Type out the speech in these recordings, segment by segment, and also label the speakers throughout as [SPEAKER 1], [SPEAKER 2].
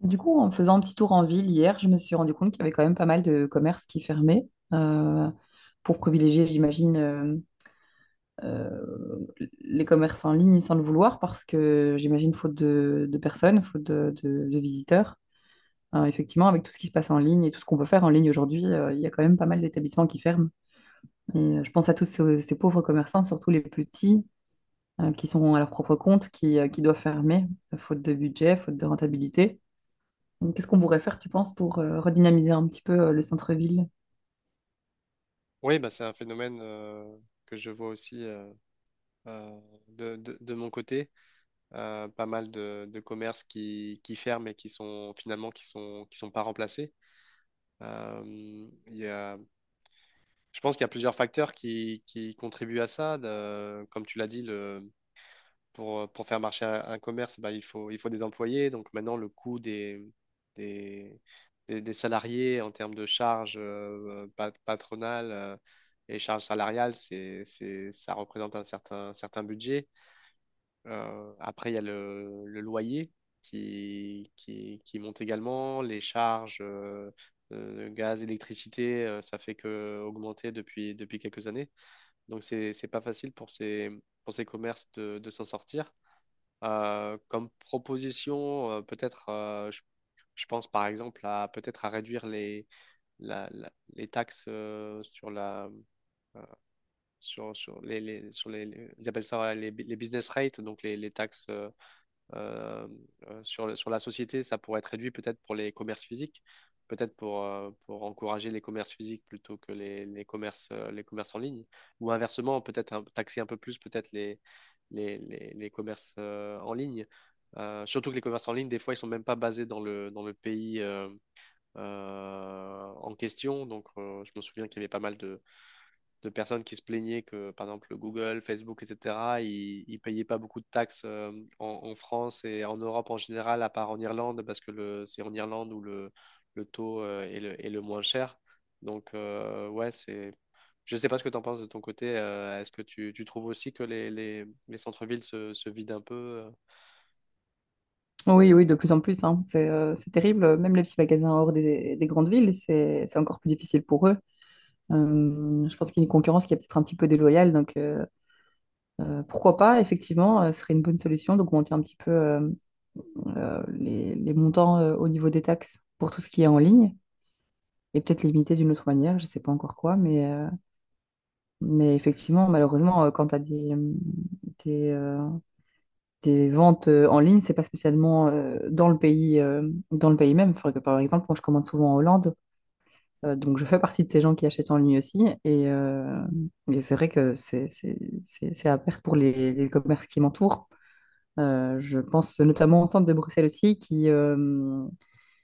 [SPEAKER 1] Du coup, en faisant un petit tour en ville hier, je me suis rendu compte qu'il y avait quand même pas mal de commerces qui fermaient euh, pour privilégier, j'imagine, euh, les commerces en ligne sans le vouloir parce que j'imagine faute de personnes, faute de visiteurs. Effectivement, avec tout ce qui se passe en ligne et tout ce qu'on peut faire en ligne aujourd'hui, il y a quand même pas mal d'établissements qui ferment. Et je pense à tous ces pauvres commerçants, surtout les petits, qui sont à leur propre compte, qui doivent fermer, faute de budget, faute de rentabilité. Donc, qu'est-ce qu'on pourrait faire, tu penses, pour redynamiser un petit peu le centre-ville?
[SPEAKER 2] Oui, bah, c'est un phénomène que je vois aussi euh, euh, de, de, de mon côté. Pas mal de commerces qui ferment et qui sont finalement qui sont pas remplacés. Euh, il y a, je pense qu'il y a plusieurs facteurs qui contribuent à ça. Comme tu l'as dit, pour faire marcher un commerce, bah, il faut des employés. Donc maintenant, le coût des, des salariés en termes de charges patronales et charges salariales, ça représente un certain budget. Après, il y a le loyer qui monte également, les charges. Gaz, électricité, ça fait que augmenter depuis quelques années. Donc, c'est pas facile pour pour ces commerces de s'en sortir. Comme proposition, je pense par exemple à peut-être à réduire les taxes sur la sur, sur les- ils appellent ça ouais, les business rates, donc les taxes euh, sur, sur la société, ça pourrait être réduit peut-être pour les commerces physiques, peut-être pour encourager les commerces physiques plutôt que les commerces en ligne, ou inversement, taxer un peu plus peut-être les commerces en ligne. Surtout que les commerces en ligne, des fois, ils sont même pas basés dans dans le pays en question. Donc, je me souviens qu'il y avait pas mal de personnes qui se plaignaient que, par exemple, Google, Facebook, etc., ils ne payaient pas beaucoup de taxes en France et en Europe en général, à part en Irlande, parce que le, c'est en Irlande le taux est le moins cher. Donc, ouais, c'est… Je ne sais pas ce que tu en penses de ton côté. Tu trouves aussi que les centres-villes se vident un peu?
[SPEAKER 1] Oui, oui, de plus en plus, hein. C'est terrible. Même les petits magasins hors des grandes villes, c'est encore plus difficile pour eux. Je pense qu'il y a une concurrence qui est peut-être un petit peu déloyale. Donc, pourquoi pas, effectivement, ce serait une bonne solution d'augmenter un petit peu les montants au niveau des taxes pour tout ce qui est en ligne. Et peut-être limiter d'une autre manière, je ne sais pas encore quoi, mais effectivement, malheureusement, quand tu as des, euh, des ventes en ligne, c'est pas spécialement dans le pays même. Faudrait que, par exemple, moi, je commande souvent en Hollande, donc je fais partie de ces gens qui achètent en ligne aussi. Et et c'est vrai que c'est à perte pour les commerces qui m'entourent. Je pense notamment au centre de Bruxelles aussi,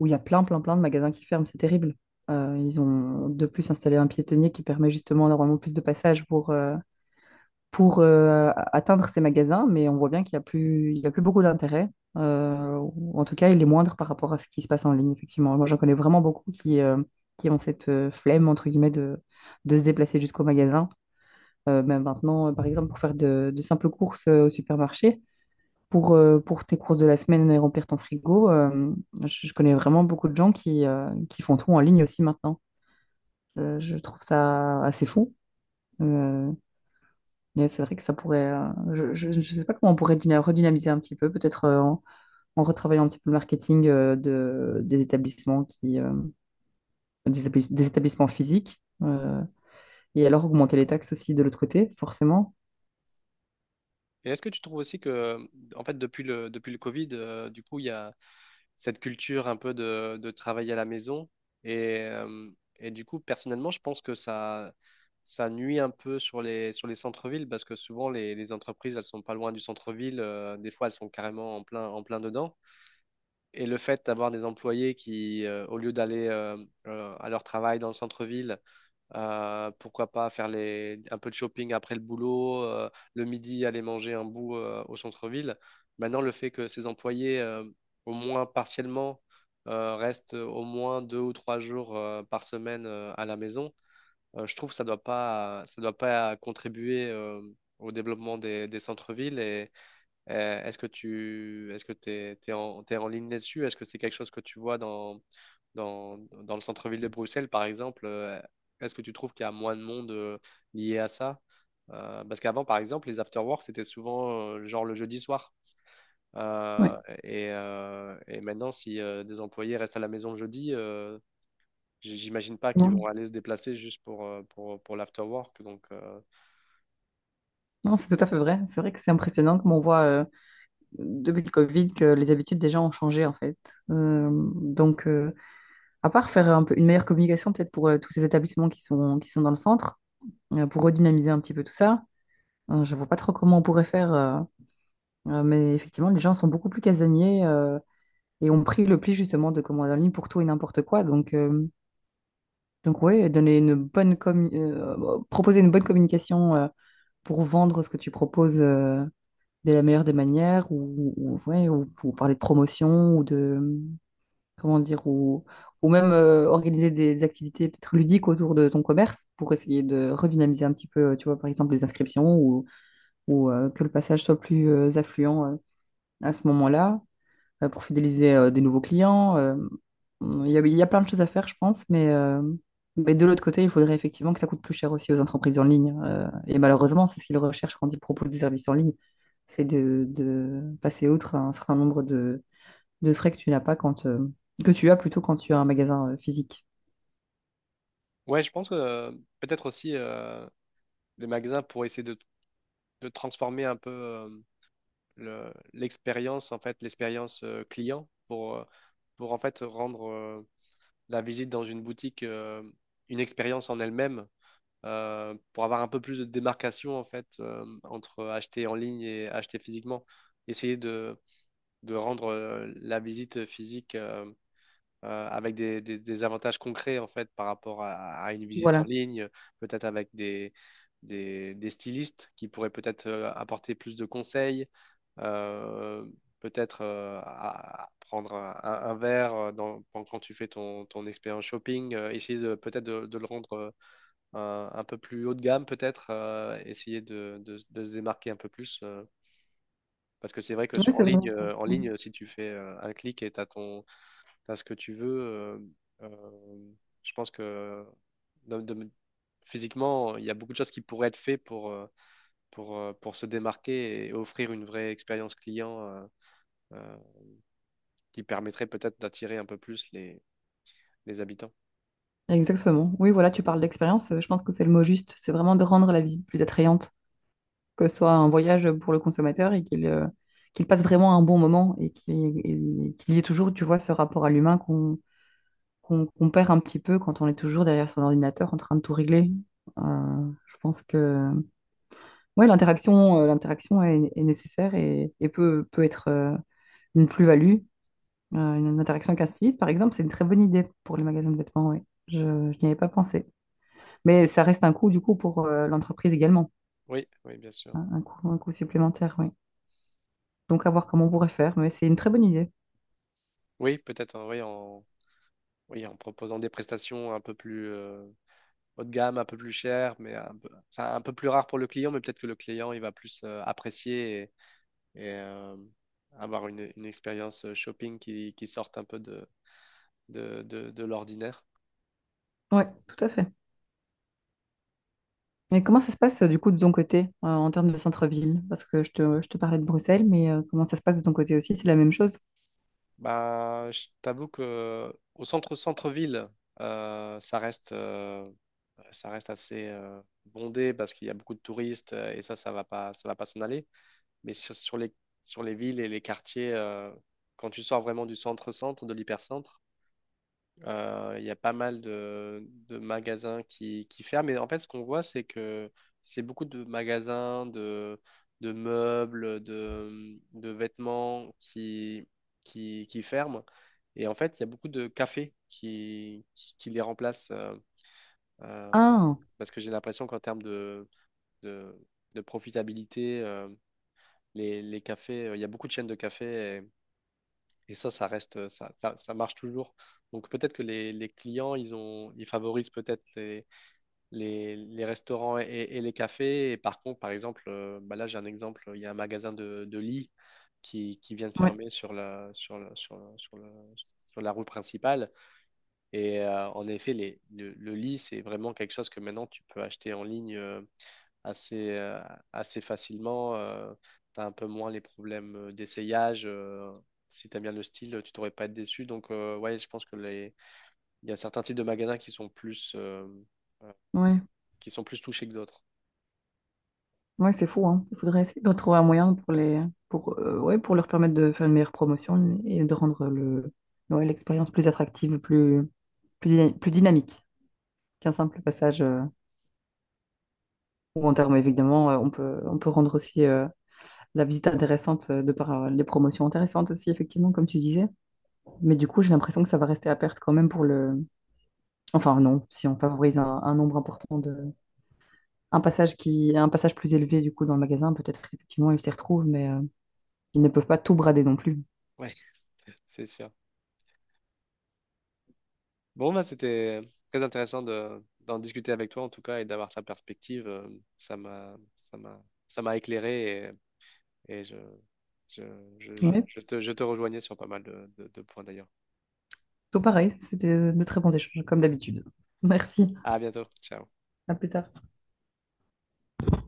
[SPEAKER 1] où il y a plein, plein, plein de magasins qui ferment. C'est terrible. Ils ont de plus installé un piétonnier qui permet justement normalement plus de passage pour, atteindre ces magasins, mais on voit bien qu'il n'y a plus, il y a plus beaucoup d'intérêt. Ou en tout cas, il est moindre par rapport à ce qui se passe en ligne, effectivement. Moi, j'en connais vraiment beaucoup qui ont cette flemme, entre guillemets, de se déplacer jusqu'au magasin. Même maintenant, par exemple, pour faire de simples courses au supermarché, pour tes courses de la semaine et remplir ton frigo, je connais vraiment beaucoup de gens qui font tout en ligne aussi maintenant. Je trouve ça assez fou. Euh, mais c'est vrai que ça pourrait. Je ne sais pas comment on pourrait redynamiser un petit peu, peut-être en, en retravaillant un petit peu le marketing des établissements des établissements physiques. Et alors augmenter les taxes aussi de l'autre côté, forcément.
[SPEAKER 2] Et est-ce que tu trouves aussi que, en fait, depuis le Covid, du coup, il y a cette culture un peu de travailler à la maison. Et, euh, et du coup, personnellement, je pense que ça nuit un peu sur sur les centres-villes parce que souvent, les entreprises, elles sont pas loin du centre-ville. Euh, des fois, elles sont carrément en en plein dedans. Et le fait d'avoir des employés qui, au lieu d'aller à leur travail dans le centre-ville, pourquoi pas faire un peu de shopping après le boulot, le midi aller manger un bout au centre-ville. Maintenant, le fait que ces employés, au moins partiellement, restent au moins deux ou trois jours par semaine à la maison, je trouve que ça doit pas contribuer au développement des centres-villes. Euh, Est-ce que tu est-ce que t'es, t'es en, t'es en ligne là-dessus? Est-ce que c'est quelque chose que tu vois dans, dans le centre-ville de Bruxelles, par exemple? Est-ce que tu trouves qu'il y a moins de monde lié à ça? Parce qu'avant, par exemple, les after-work, c'était souvent genre le jeudi soir.
[SPEAKER 1] Oui.
[SPEAKER 2] Euh, et maintenant, si des employés restent à la maison le jeudi, j'imagine pas qu'ils
[SPEAKER 1] Non,
[SPEAKER 2] vont aller se déplacer juste pour l'after-work. Donc,
[SPEAKER 1] non, c'est tout à fait vrai. C'est vrai que c'est impressionnant comme on voit depuis le Covid que les habitudes des gens ont changé en fait. Euh, donc, à part faire un peu une meilleure communication peut-être pour tous ces établissements qui sont dans le centre, pour redynamiser un petit peu tout ça. Je vois pas trop comment on pourrait faire. Mais effectivement, les gens sont beaucoup plus casaniers et ont pris le pli justement de commander en ligne pour tout et n'importe quoi. Donc ouais, donner une bonne proposer une bonne communication pour vendre ce que tu proposes de la meilleure des manières ouais, ou pour parler de promotion ou de, comment dire, ou même organiser des activités peut-être ludiques autour de ton commerce pour essayer de redynamiser un petit peu, tu vois, par exemple, les inscriptions ou, que le passage soit plus affluent à ce moment-là. Pour fidéliser des nouveaux clients. Il y a, il y a plein de choses à faire, je pense, mais de l'autre côté, il faudrait effectivement que ça coûte plus cher aussi aux entreprises en ligne. Et malheureusement, c'est ce qu'ils recherchent quand ils proposent des services en ligne, c'est de passer outre un certain nombre de frais que tu n'as pas que tu as plutôt quand tu as un magasin physique.
[SPEAKER 2] ouais, je pense que peut-être aussi les magasins pour essayer de transformer un peu l'expérience, en fait, l'expérience client pour en fait rendre la visite dans une boutique une expérience en elle-même, pour avoir un peu plus de démarcation en fait entre acheter en ligne et acheter physiquement. Essayer de rendre la visite physique avec des avantages concrets en fait par rapport à une visite en
[SPEAKER 1] Voilà.
[SPEAKER 2] ligne, peut-être avec des stylistes qui pourraient peut-être apporter plus de conseils, euh, peut-être à prendre un verre quand tu fais ton expérience shopping, essayer de peut-être de le rendre un peu plus haut de gamme, peut-être essayer de se démarquer un peu plus. Parce que c'est vrai que
[SPEAKER 1] Oui,
[SPEAKER 2] sur,
[SPEAKER 1] c'est vraiment ça.
[SPEAKER 2] en
[SPEAKER 1] Ouais.
[SPEAKER 2] ligne, si tu fais un clic et tu as ce que tu veux. Euh, je pense que de- de- physiquement, il y a beaucoup de choses qui pourraient être faites pour, pour se démarquer et offrir une vraie expérience client euh, qui permettrait peut-être d'attirer un peu plus les habitants.
[SPEAKER 1] Exactement. Oui, voilà, tu parles d'expérience. Je pense que c'est le mot juste. C'est vraiment de rendre la visite plus attrayante, que ce soit un voyage pour le consommateur et qu'il passe vraiment un bon moment et qu'il y ait toujours, tu vois, ce rapport à l'humain qu'on perd un petit peu quand on est toujours derrière son ordinateur en train de tout régler. Je pense que ouais, l'interaction est, est nécessaire et peut, peut être une plus-value. Une interaction avec un styliste, par exemple, c'est une très bonne idée pour les magasins de vêtements, ouais. Je n'y avais pas pensé. Mais ça reste un coût, du coup, pour l'entreprise également,
[SPEAKER 2] Oui, oui, bien sûr.
[SPEAKER 1] hein, un coût supplémentaire, oui. Donc à voir comment on pourrait faire, mais c'est une très bonne idée.
[SPEAKER 2] Oui, peut-être en, oui, en, oui, en proposant des prestations un peu plus haut de gamme, un peu plus chères, mais un peu, ça, un peu plus rare pour le client, mais peut-être que le client, il va plus apprécier et euh, avoir une expérience qui sorte un peu de l'ordinaire.
[SPEAKER 1] Oui, tout à fait. Et comment ça se passe du coup de ton côté en termes de centre-ville? Parce que je te parlais de Bruxelles, mais comment ça se passe de ton côté aussi? C'est la même chose?
[SPEAKER 2] Bah, je t'avoue que au centre centre-ville, euh, ça reste euh, ça reste assez bondé parce qu'il y a beaucoup de touristes et ça va pas s'en aller. Mais sur les villes et les quartiers, quand tu sors vraiment du centre-centre, de l'hypercentre. Il y a pas mal de magasins qui ferment. Mais en fait, ce qu'on voit, c'est que c'est beaucoup de magasins, de meubles, de vêtements qui ferment. Et en fait, il y a beaucoup de cafés qui les remplacent. Euh,
[SPEAKER 1] Ah,
[SPEAKER 2] parce que j'ai l'impression qu'en termes de, de profitabilité, les cafés, il y a beaucoup de chaînes de cafés et ça reste, ça marche toujours. Donc peut-être que les clients, ils favorisent peut-être les restaurants et les cafés. Et par contre, par exemple, bah là, j'ai un exemple, il y a un magasin de lits qui vient de
[SPEAKER 1] ouais,
[SPEAKER 2] fermer sur la rue principale. Et en effet, le lit, c'est vraiment quelque chose que maintenant, tu peux acheter en ligne. Assez, euh, Assez facilement. Euh, t'as un peu moins les problèmes d'essayage. Euh, si t'aimes bien le style, tu t'aurais pas être déçu. Donc, ouais, je pense que les… il y a certains types de magasins
[SPEAKER 1] ouais,
[SPEAKER 2] qui sont plus touchés que d'autres.
[SPEAKER 1] ouais, c'est fou, hein. Il faudrait essayer de trouver un moyen pour les, pour, ouais, pour leur permettre de faire une meilleure promotion et de rendre le, ouais, l'expérience plus attractive, plus, plus, plus dynamique qu'un simple passage. Ou en termes, évidemment, on peut rendre aussi la visite intéressante de par les promotions intéressantes aussi, effectivement, comme tu disais. Mais du coup, j'ai l'impression que ça va rester à perte quand même pour le. Enfin, non, si on favorise un nombre important de. Un passage qui... un passage plus élevé, du coup, dans le magasin, peut-être qu'effectivement, ils s'y retrouvent, mais ils ne peuvent pas tout brader non plus.
[SPEAKER 2] Ouais, c'est sûr. Bon, bah, c'était très intéressant d'en discuter avec toi, en tout cas, et d'avoir ta perspective. Ça m'a, ça m'a, Ça m'a éclairé et, et je, je,
[SPEAKER 1] Oui,
[SPEAKER 2] je te rejoignais sur pas mal de points d'ailleurs.
[SPEAKER 1] tout pareil. C'était de très bons échanges, comme d'habitude. Merci.
[SPEAKER 2] À bientôt. Ciao.
[SPEAKER 1] À plus tard.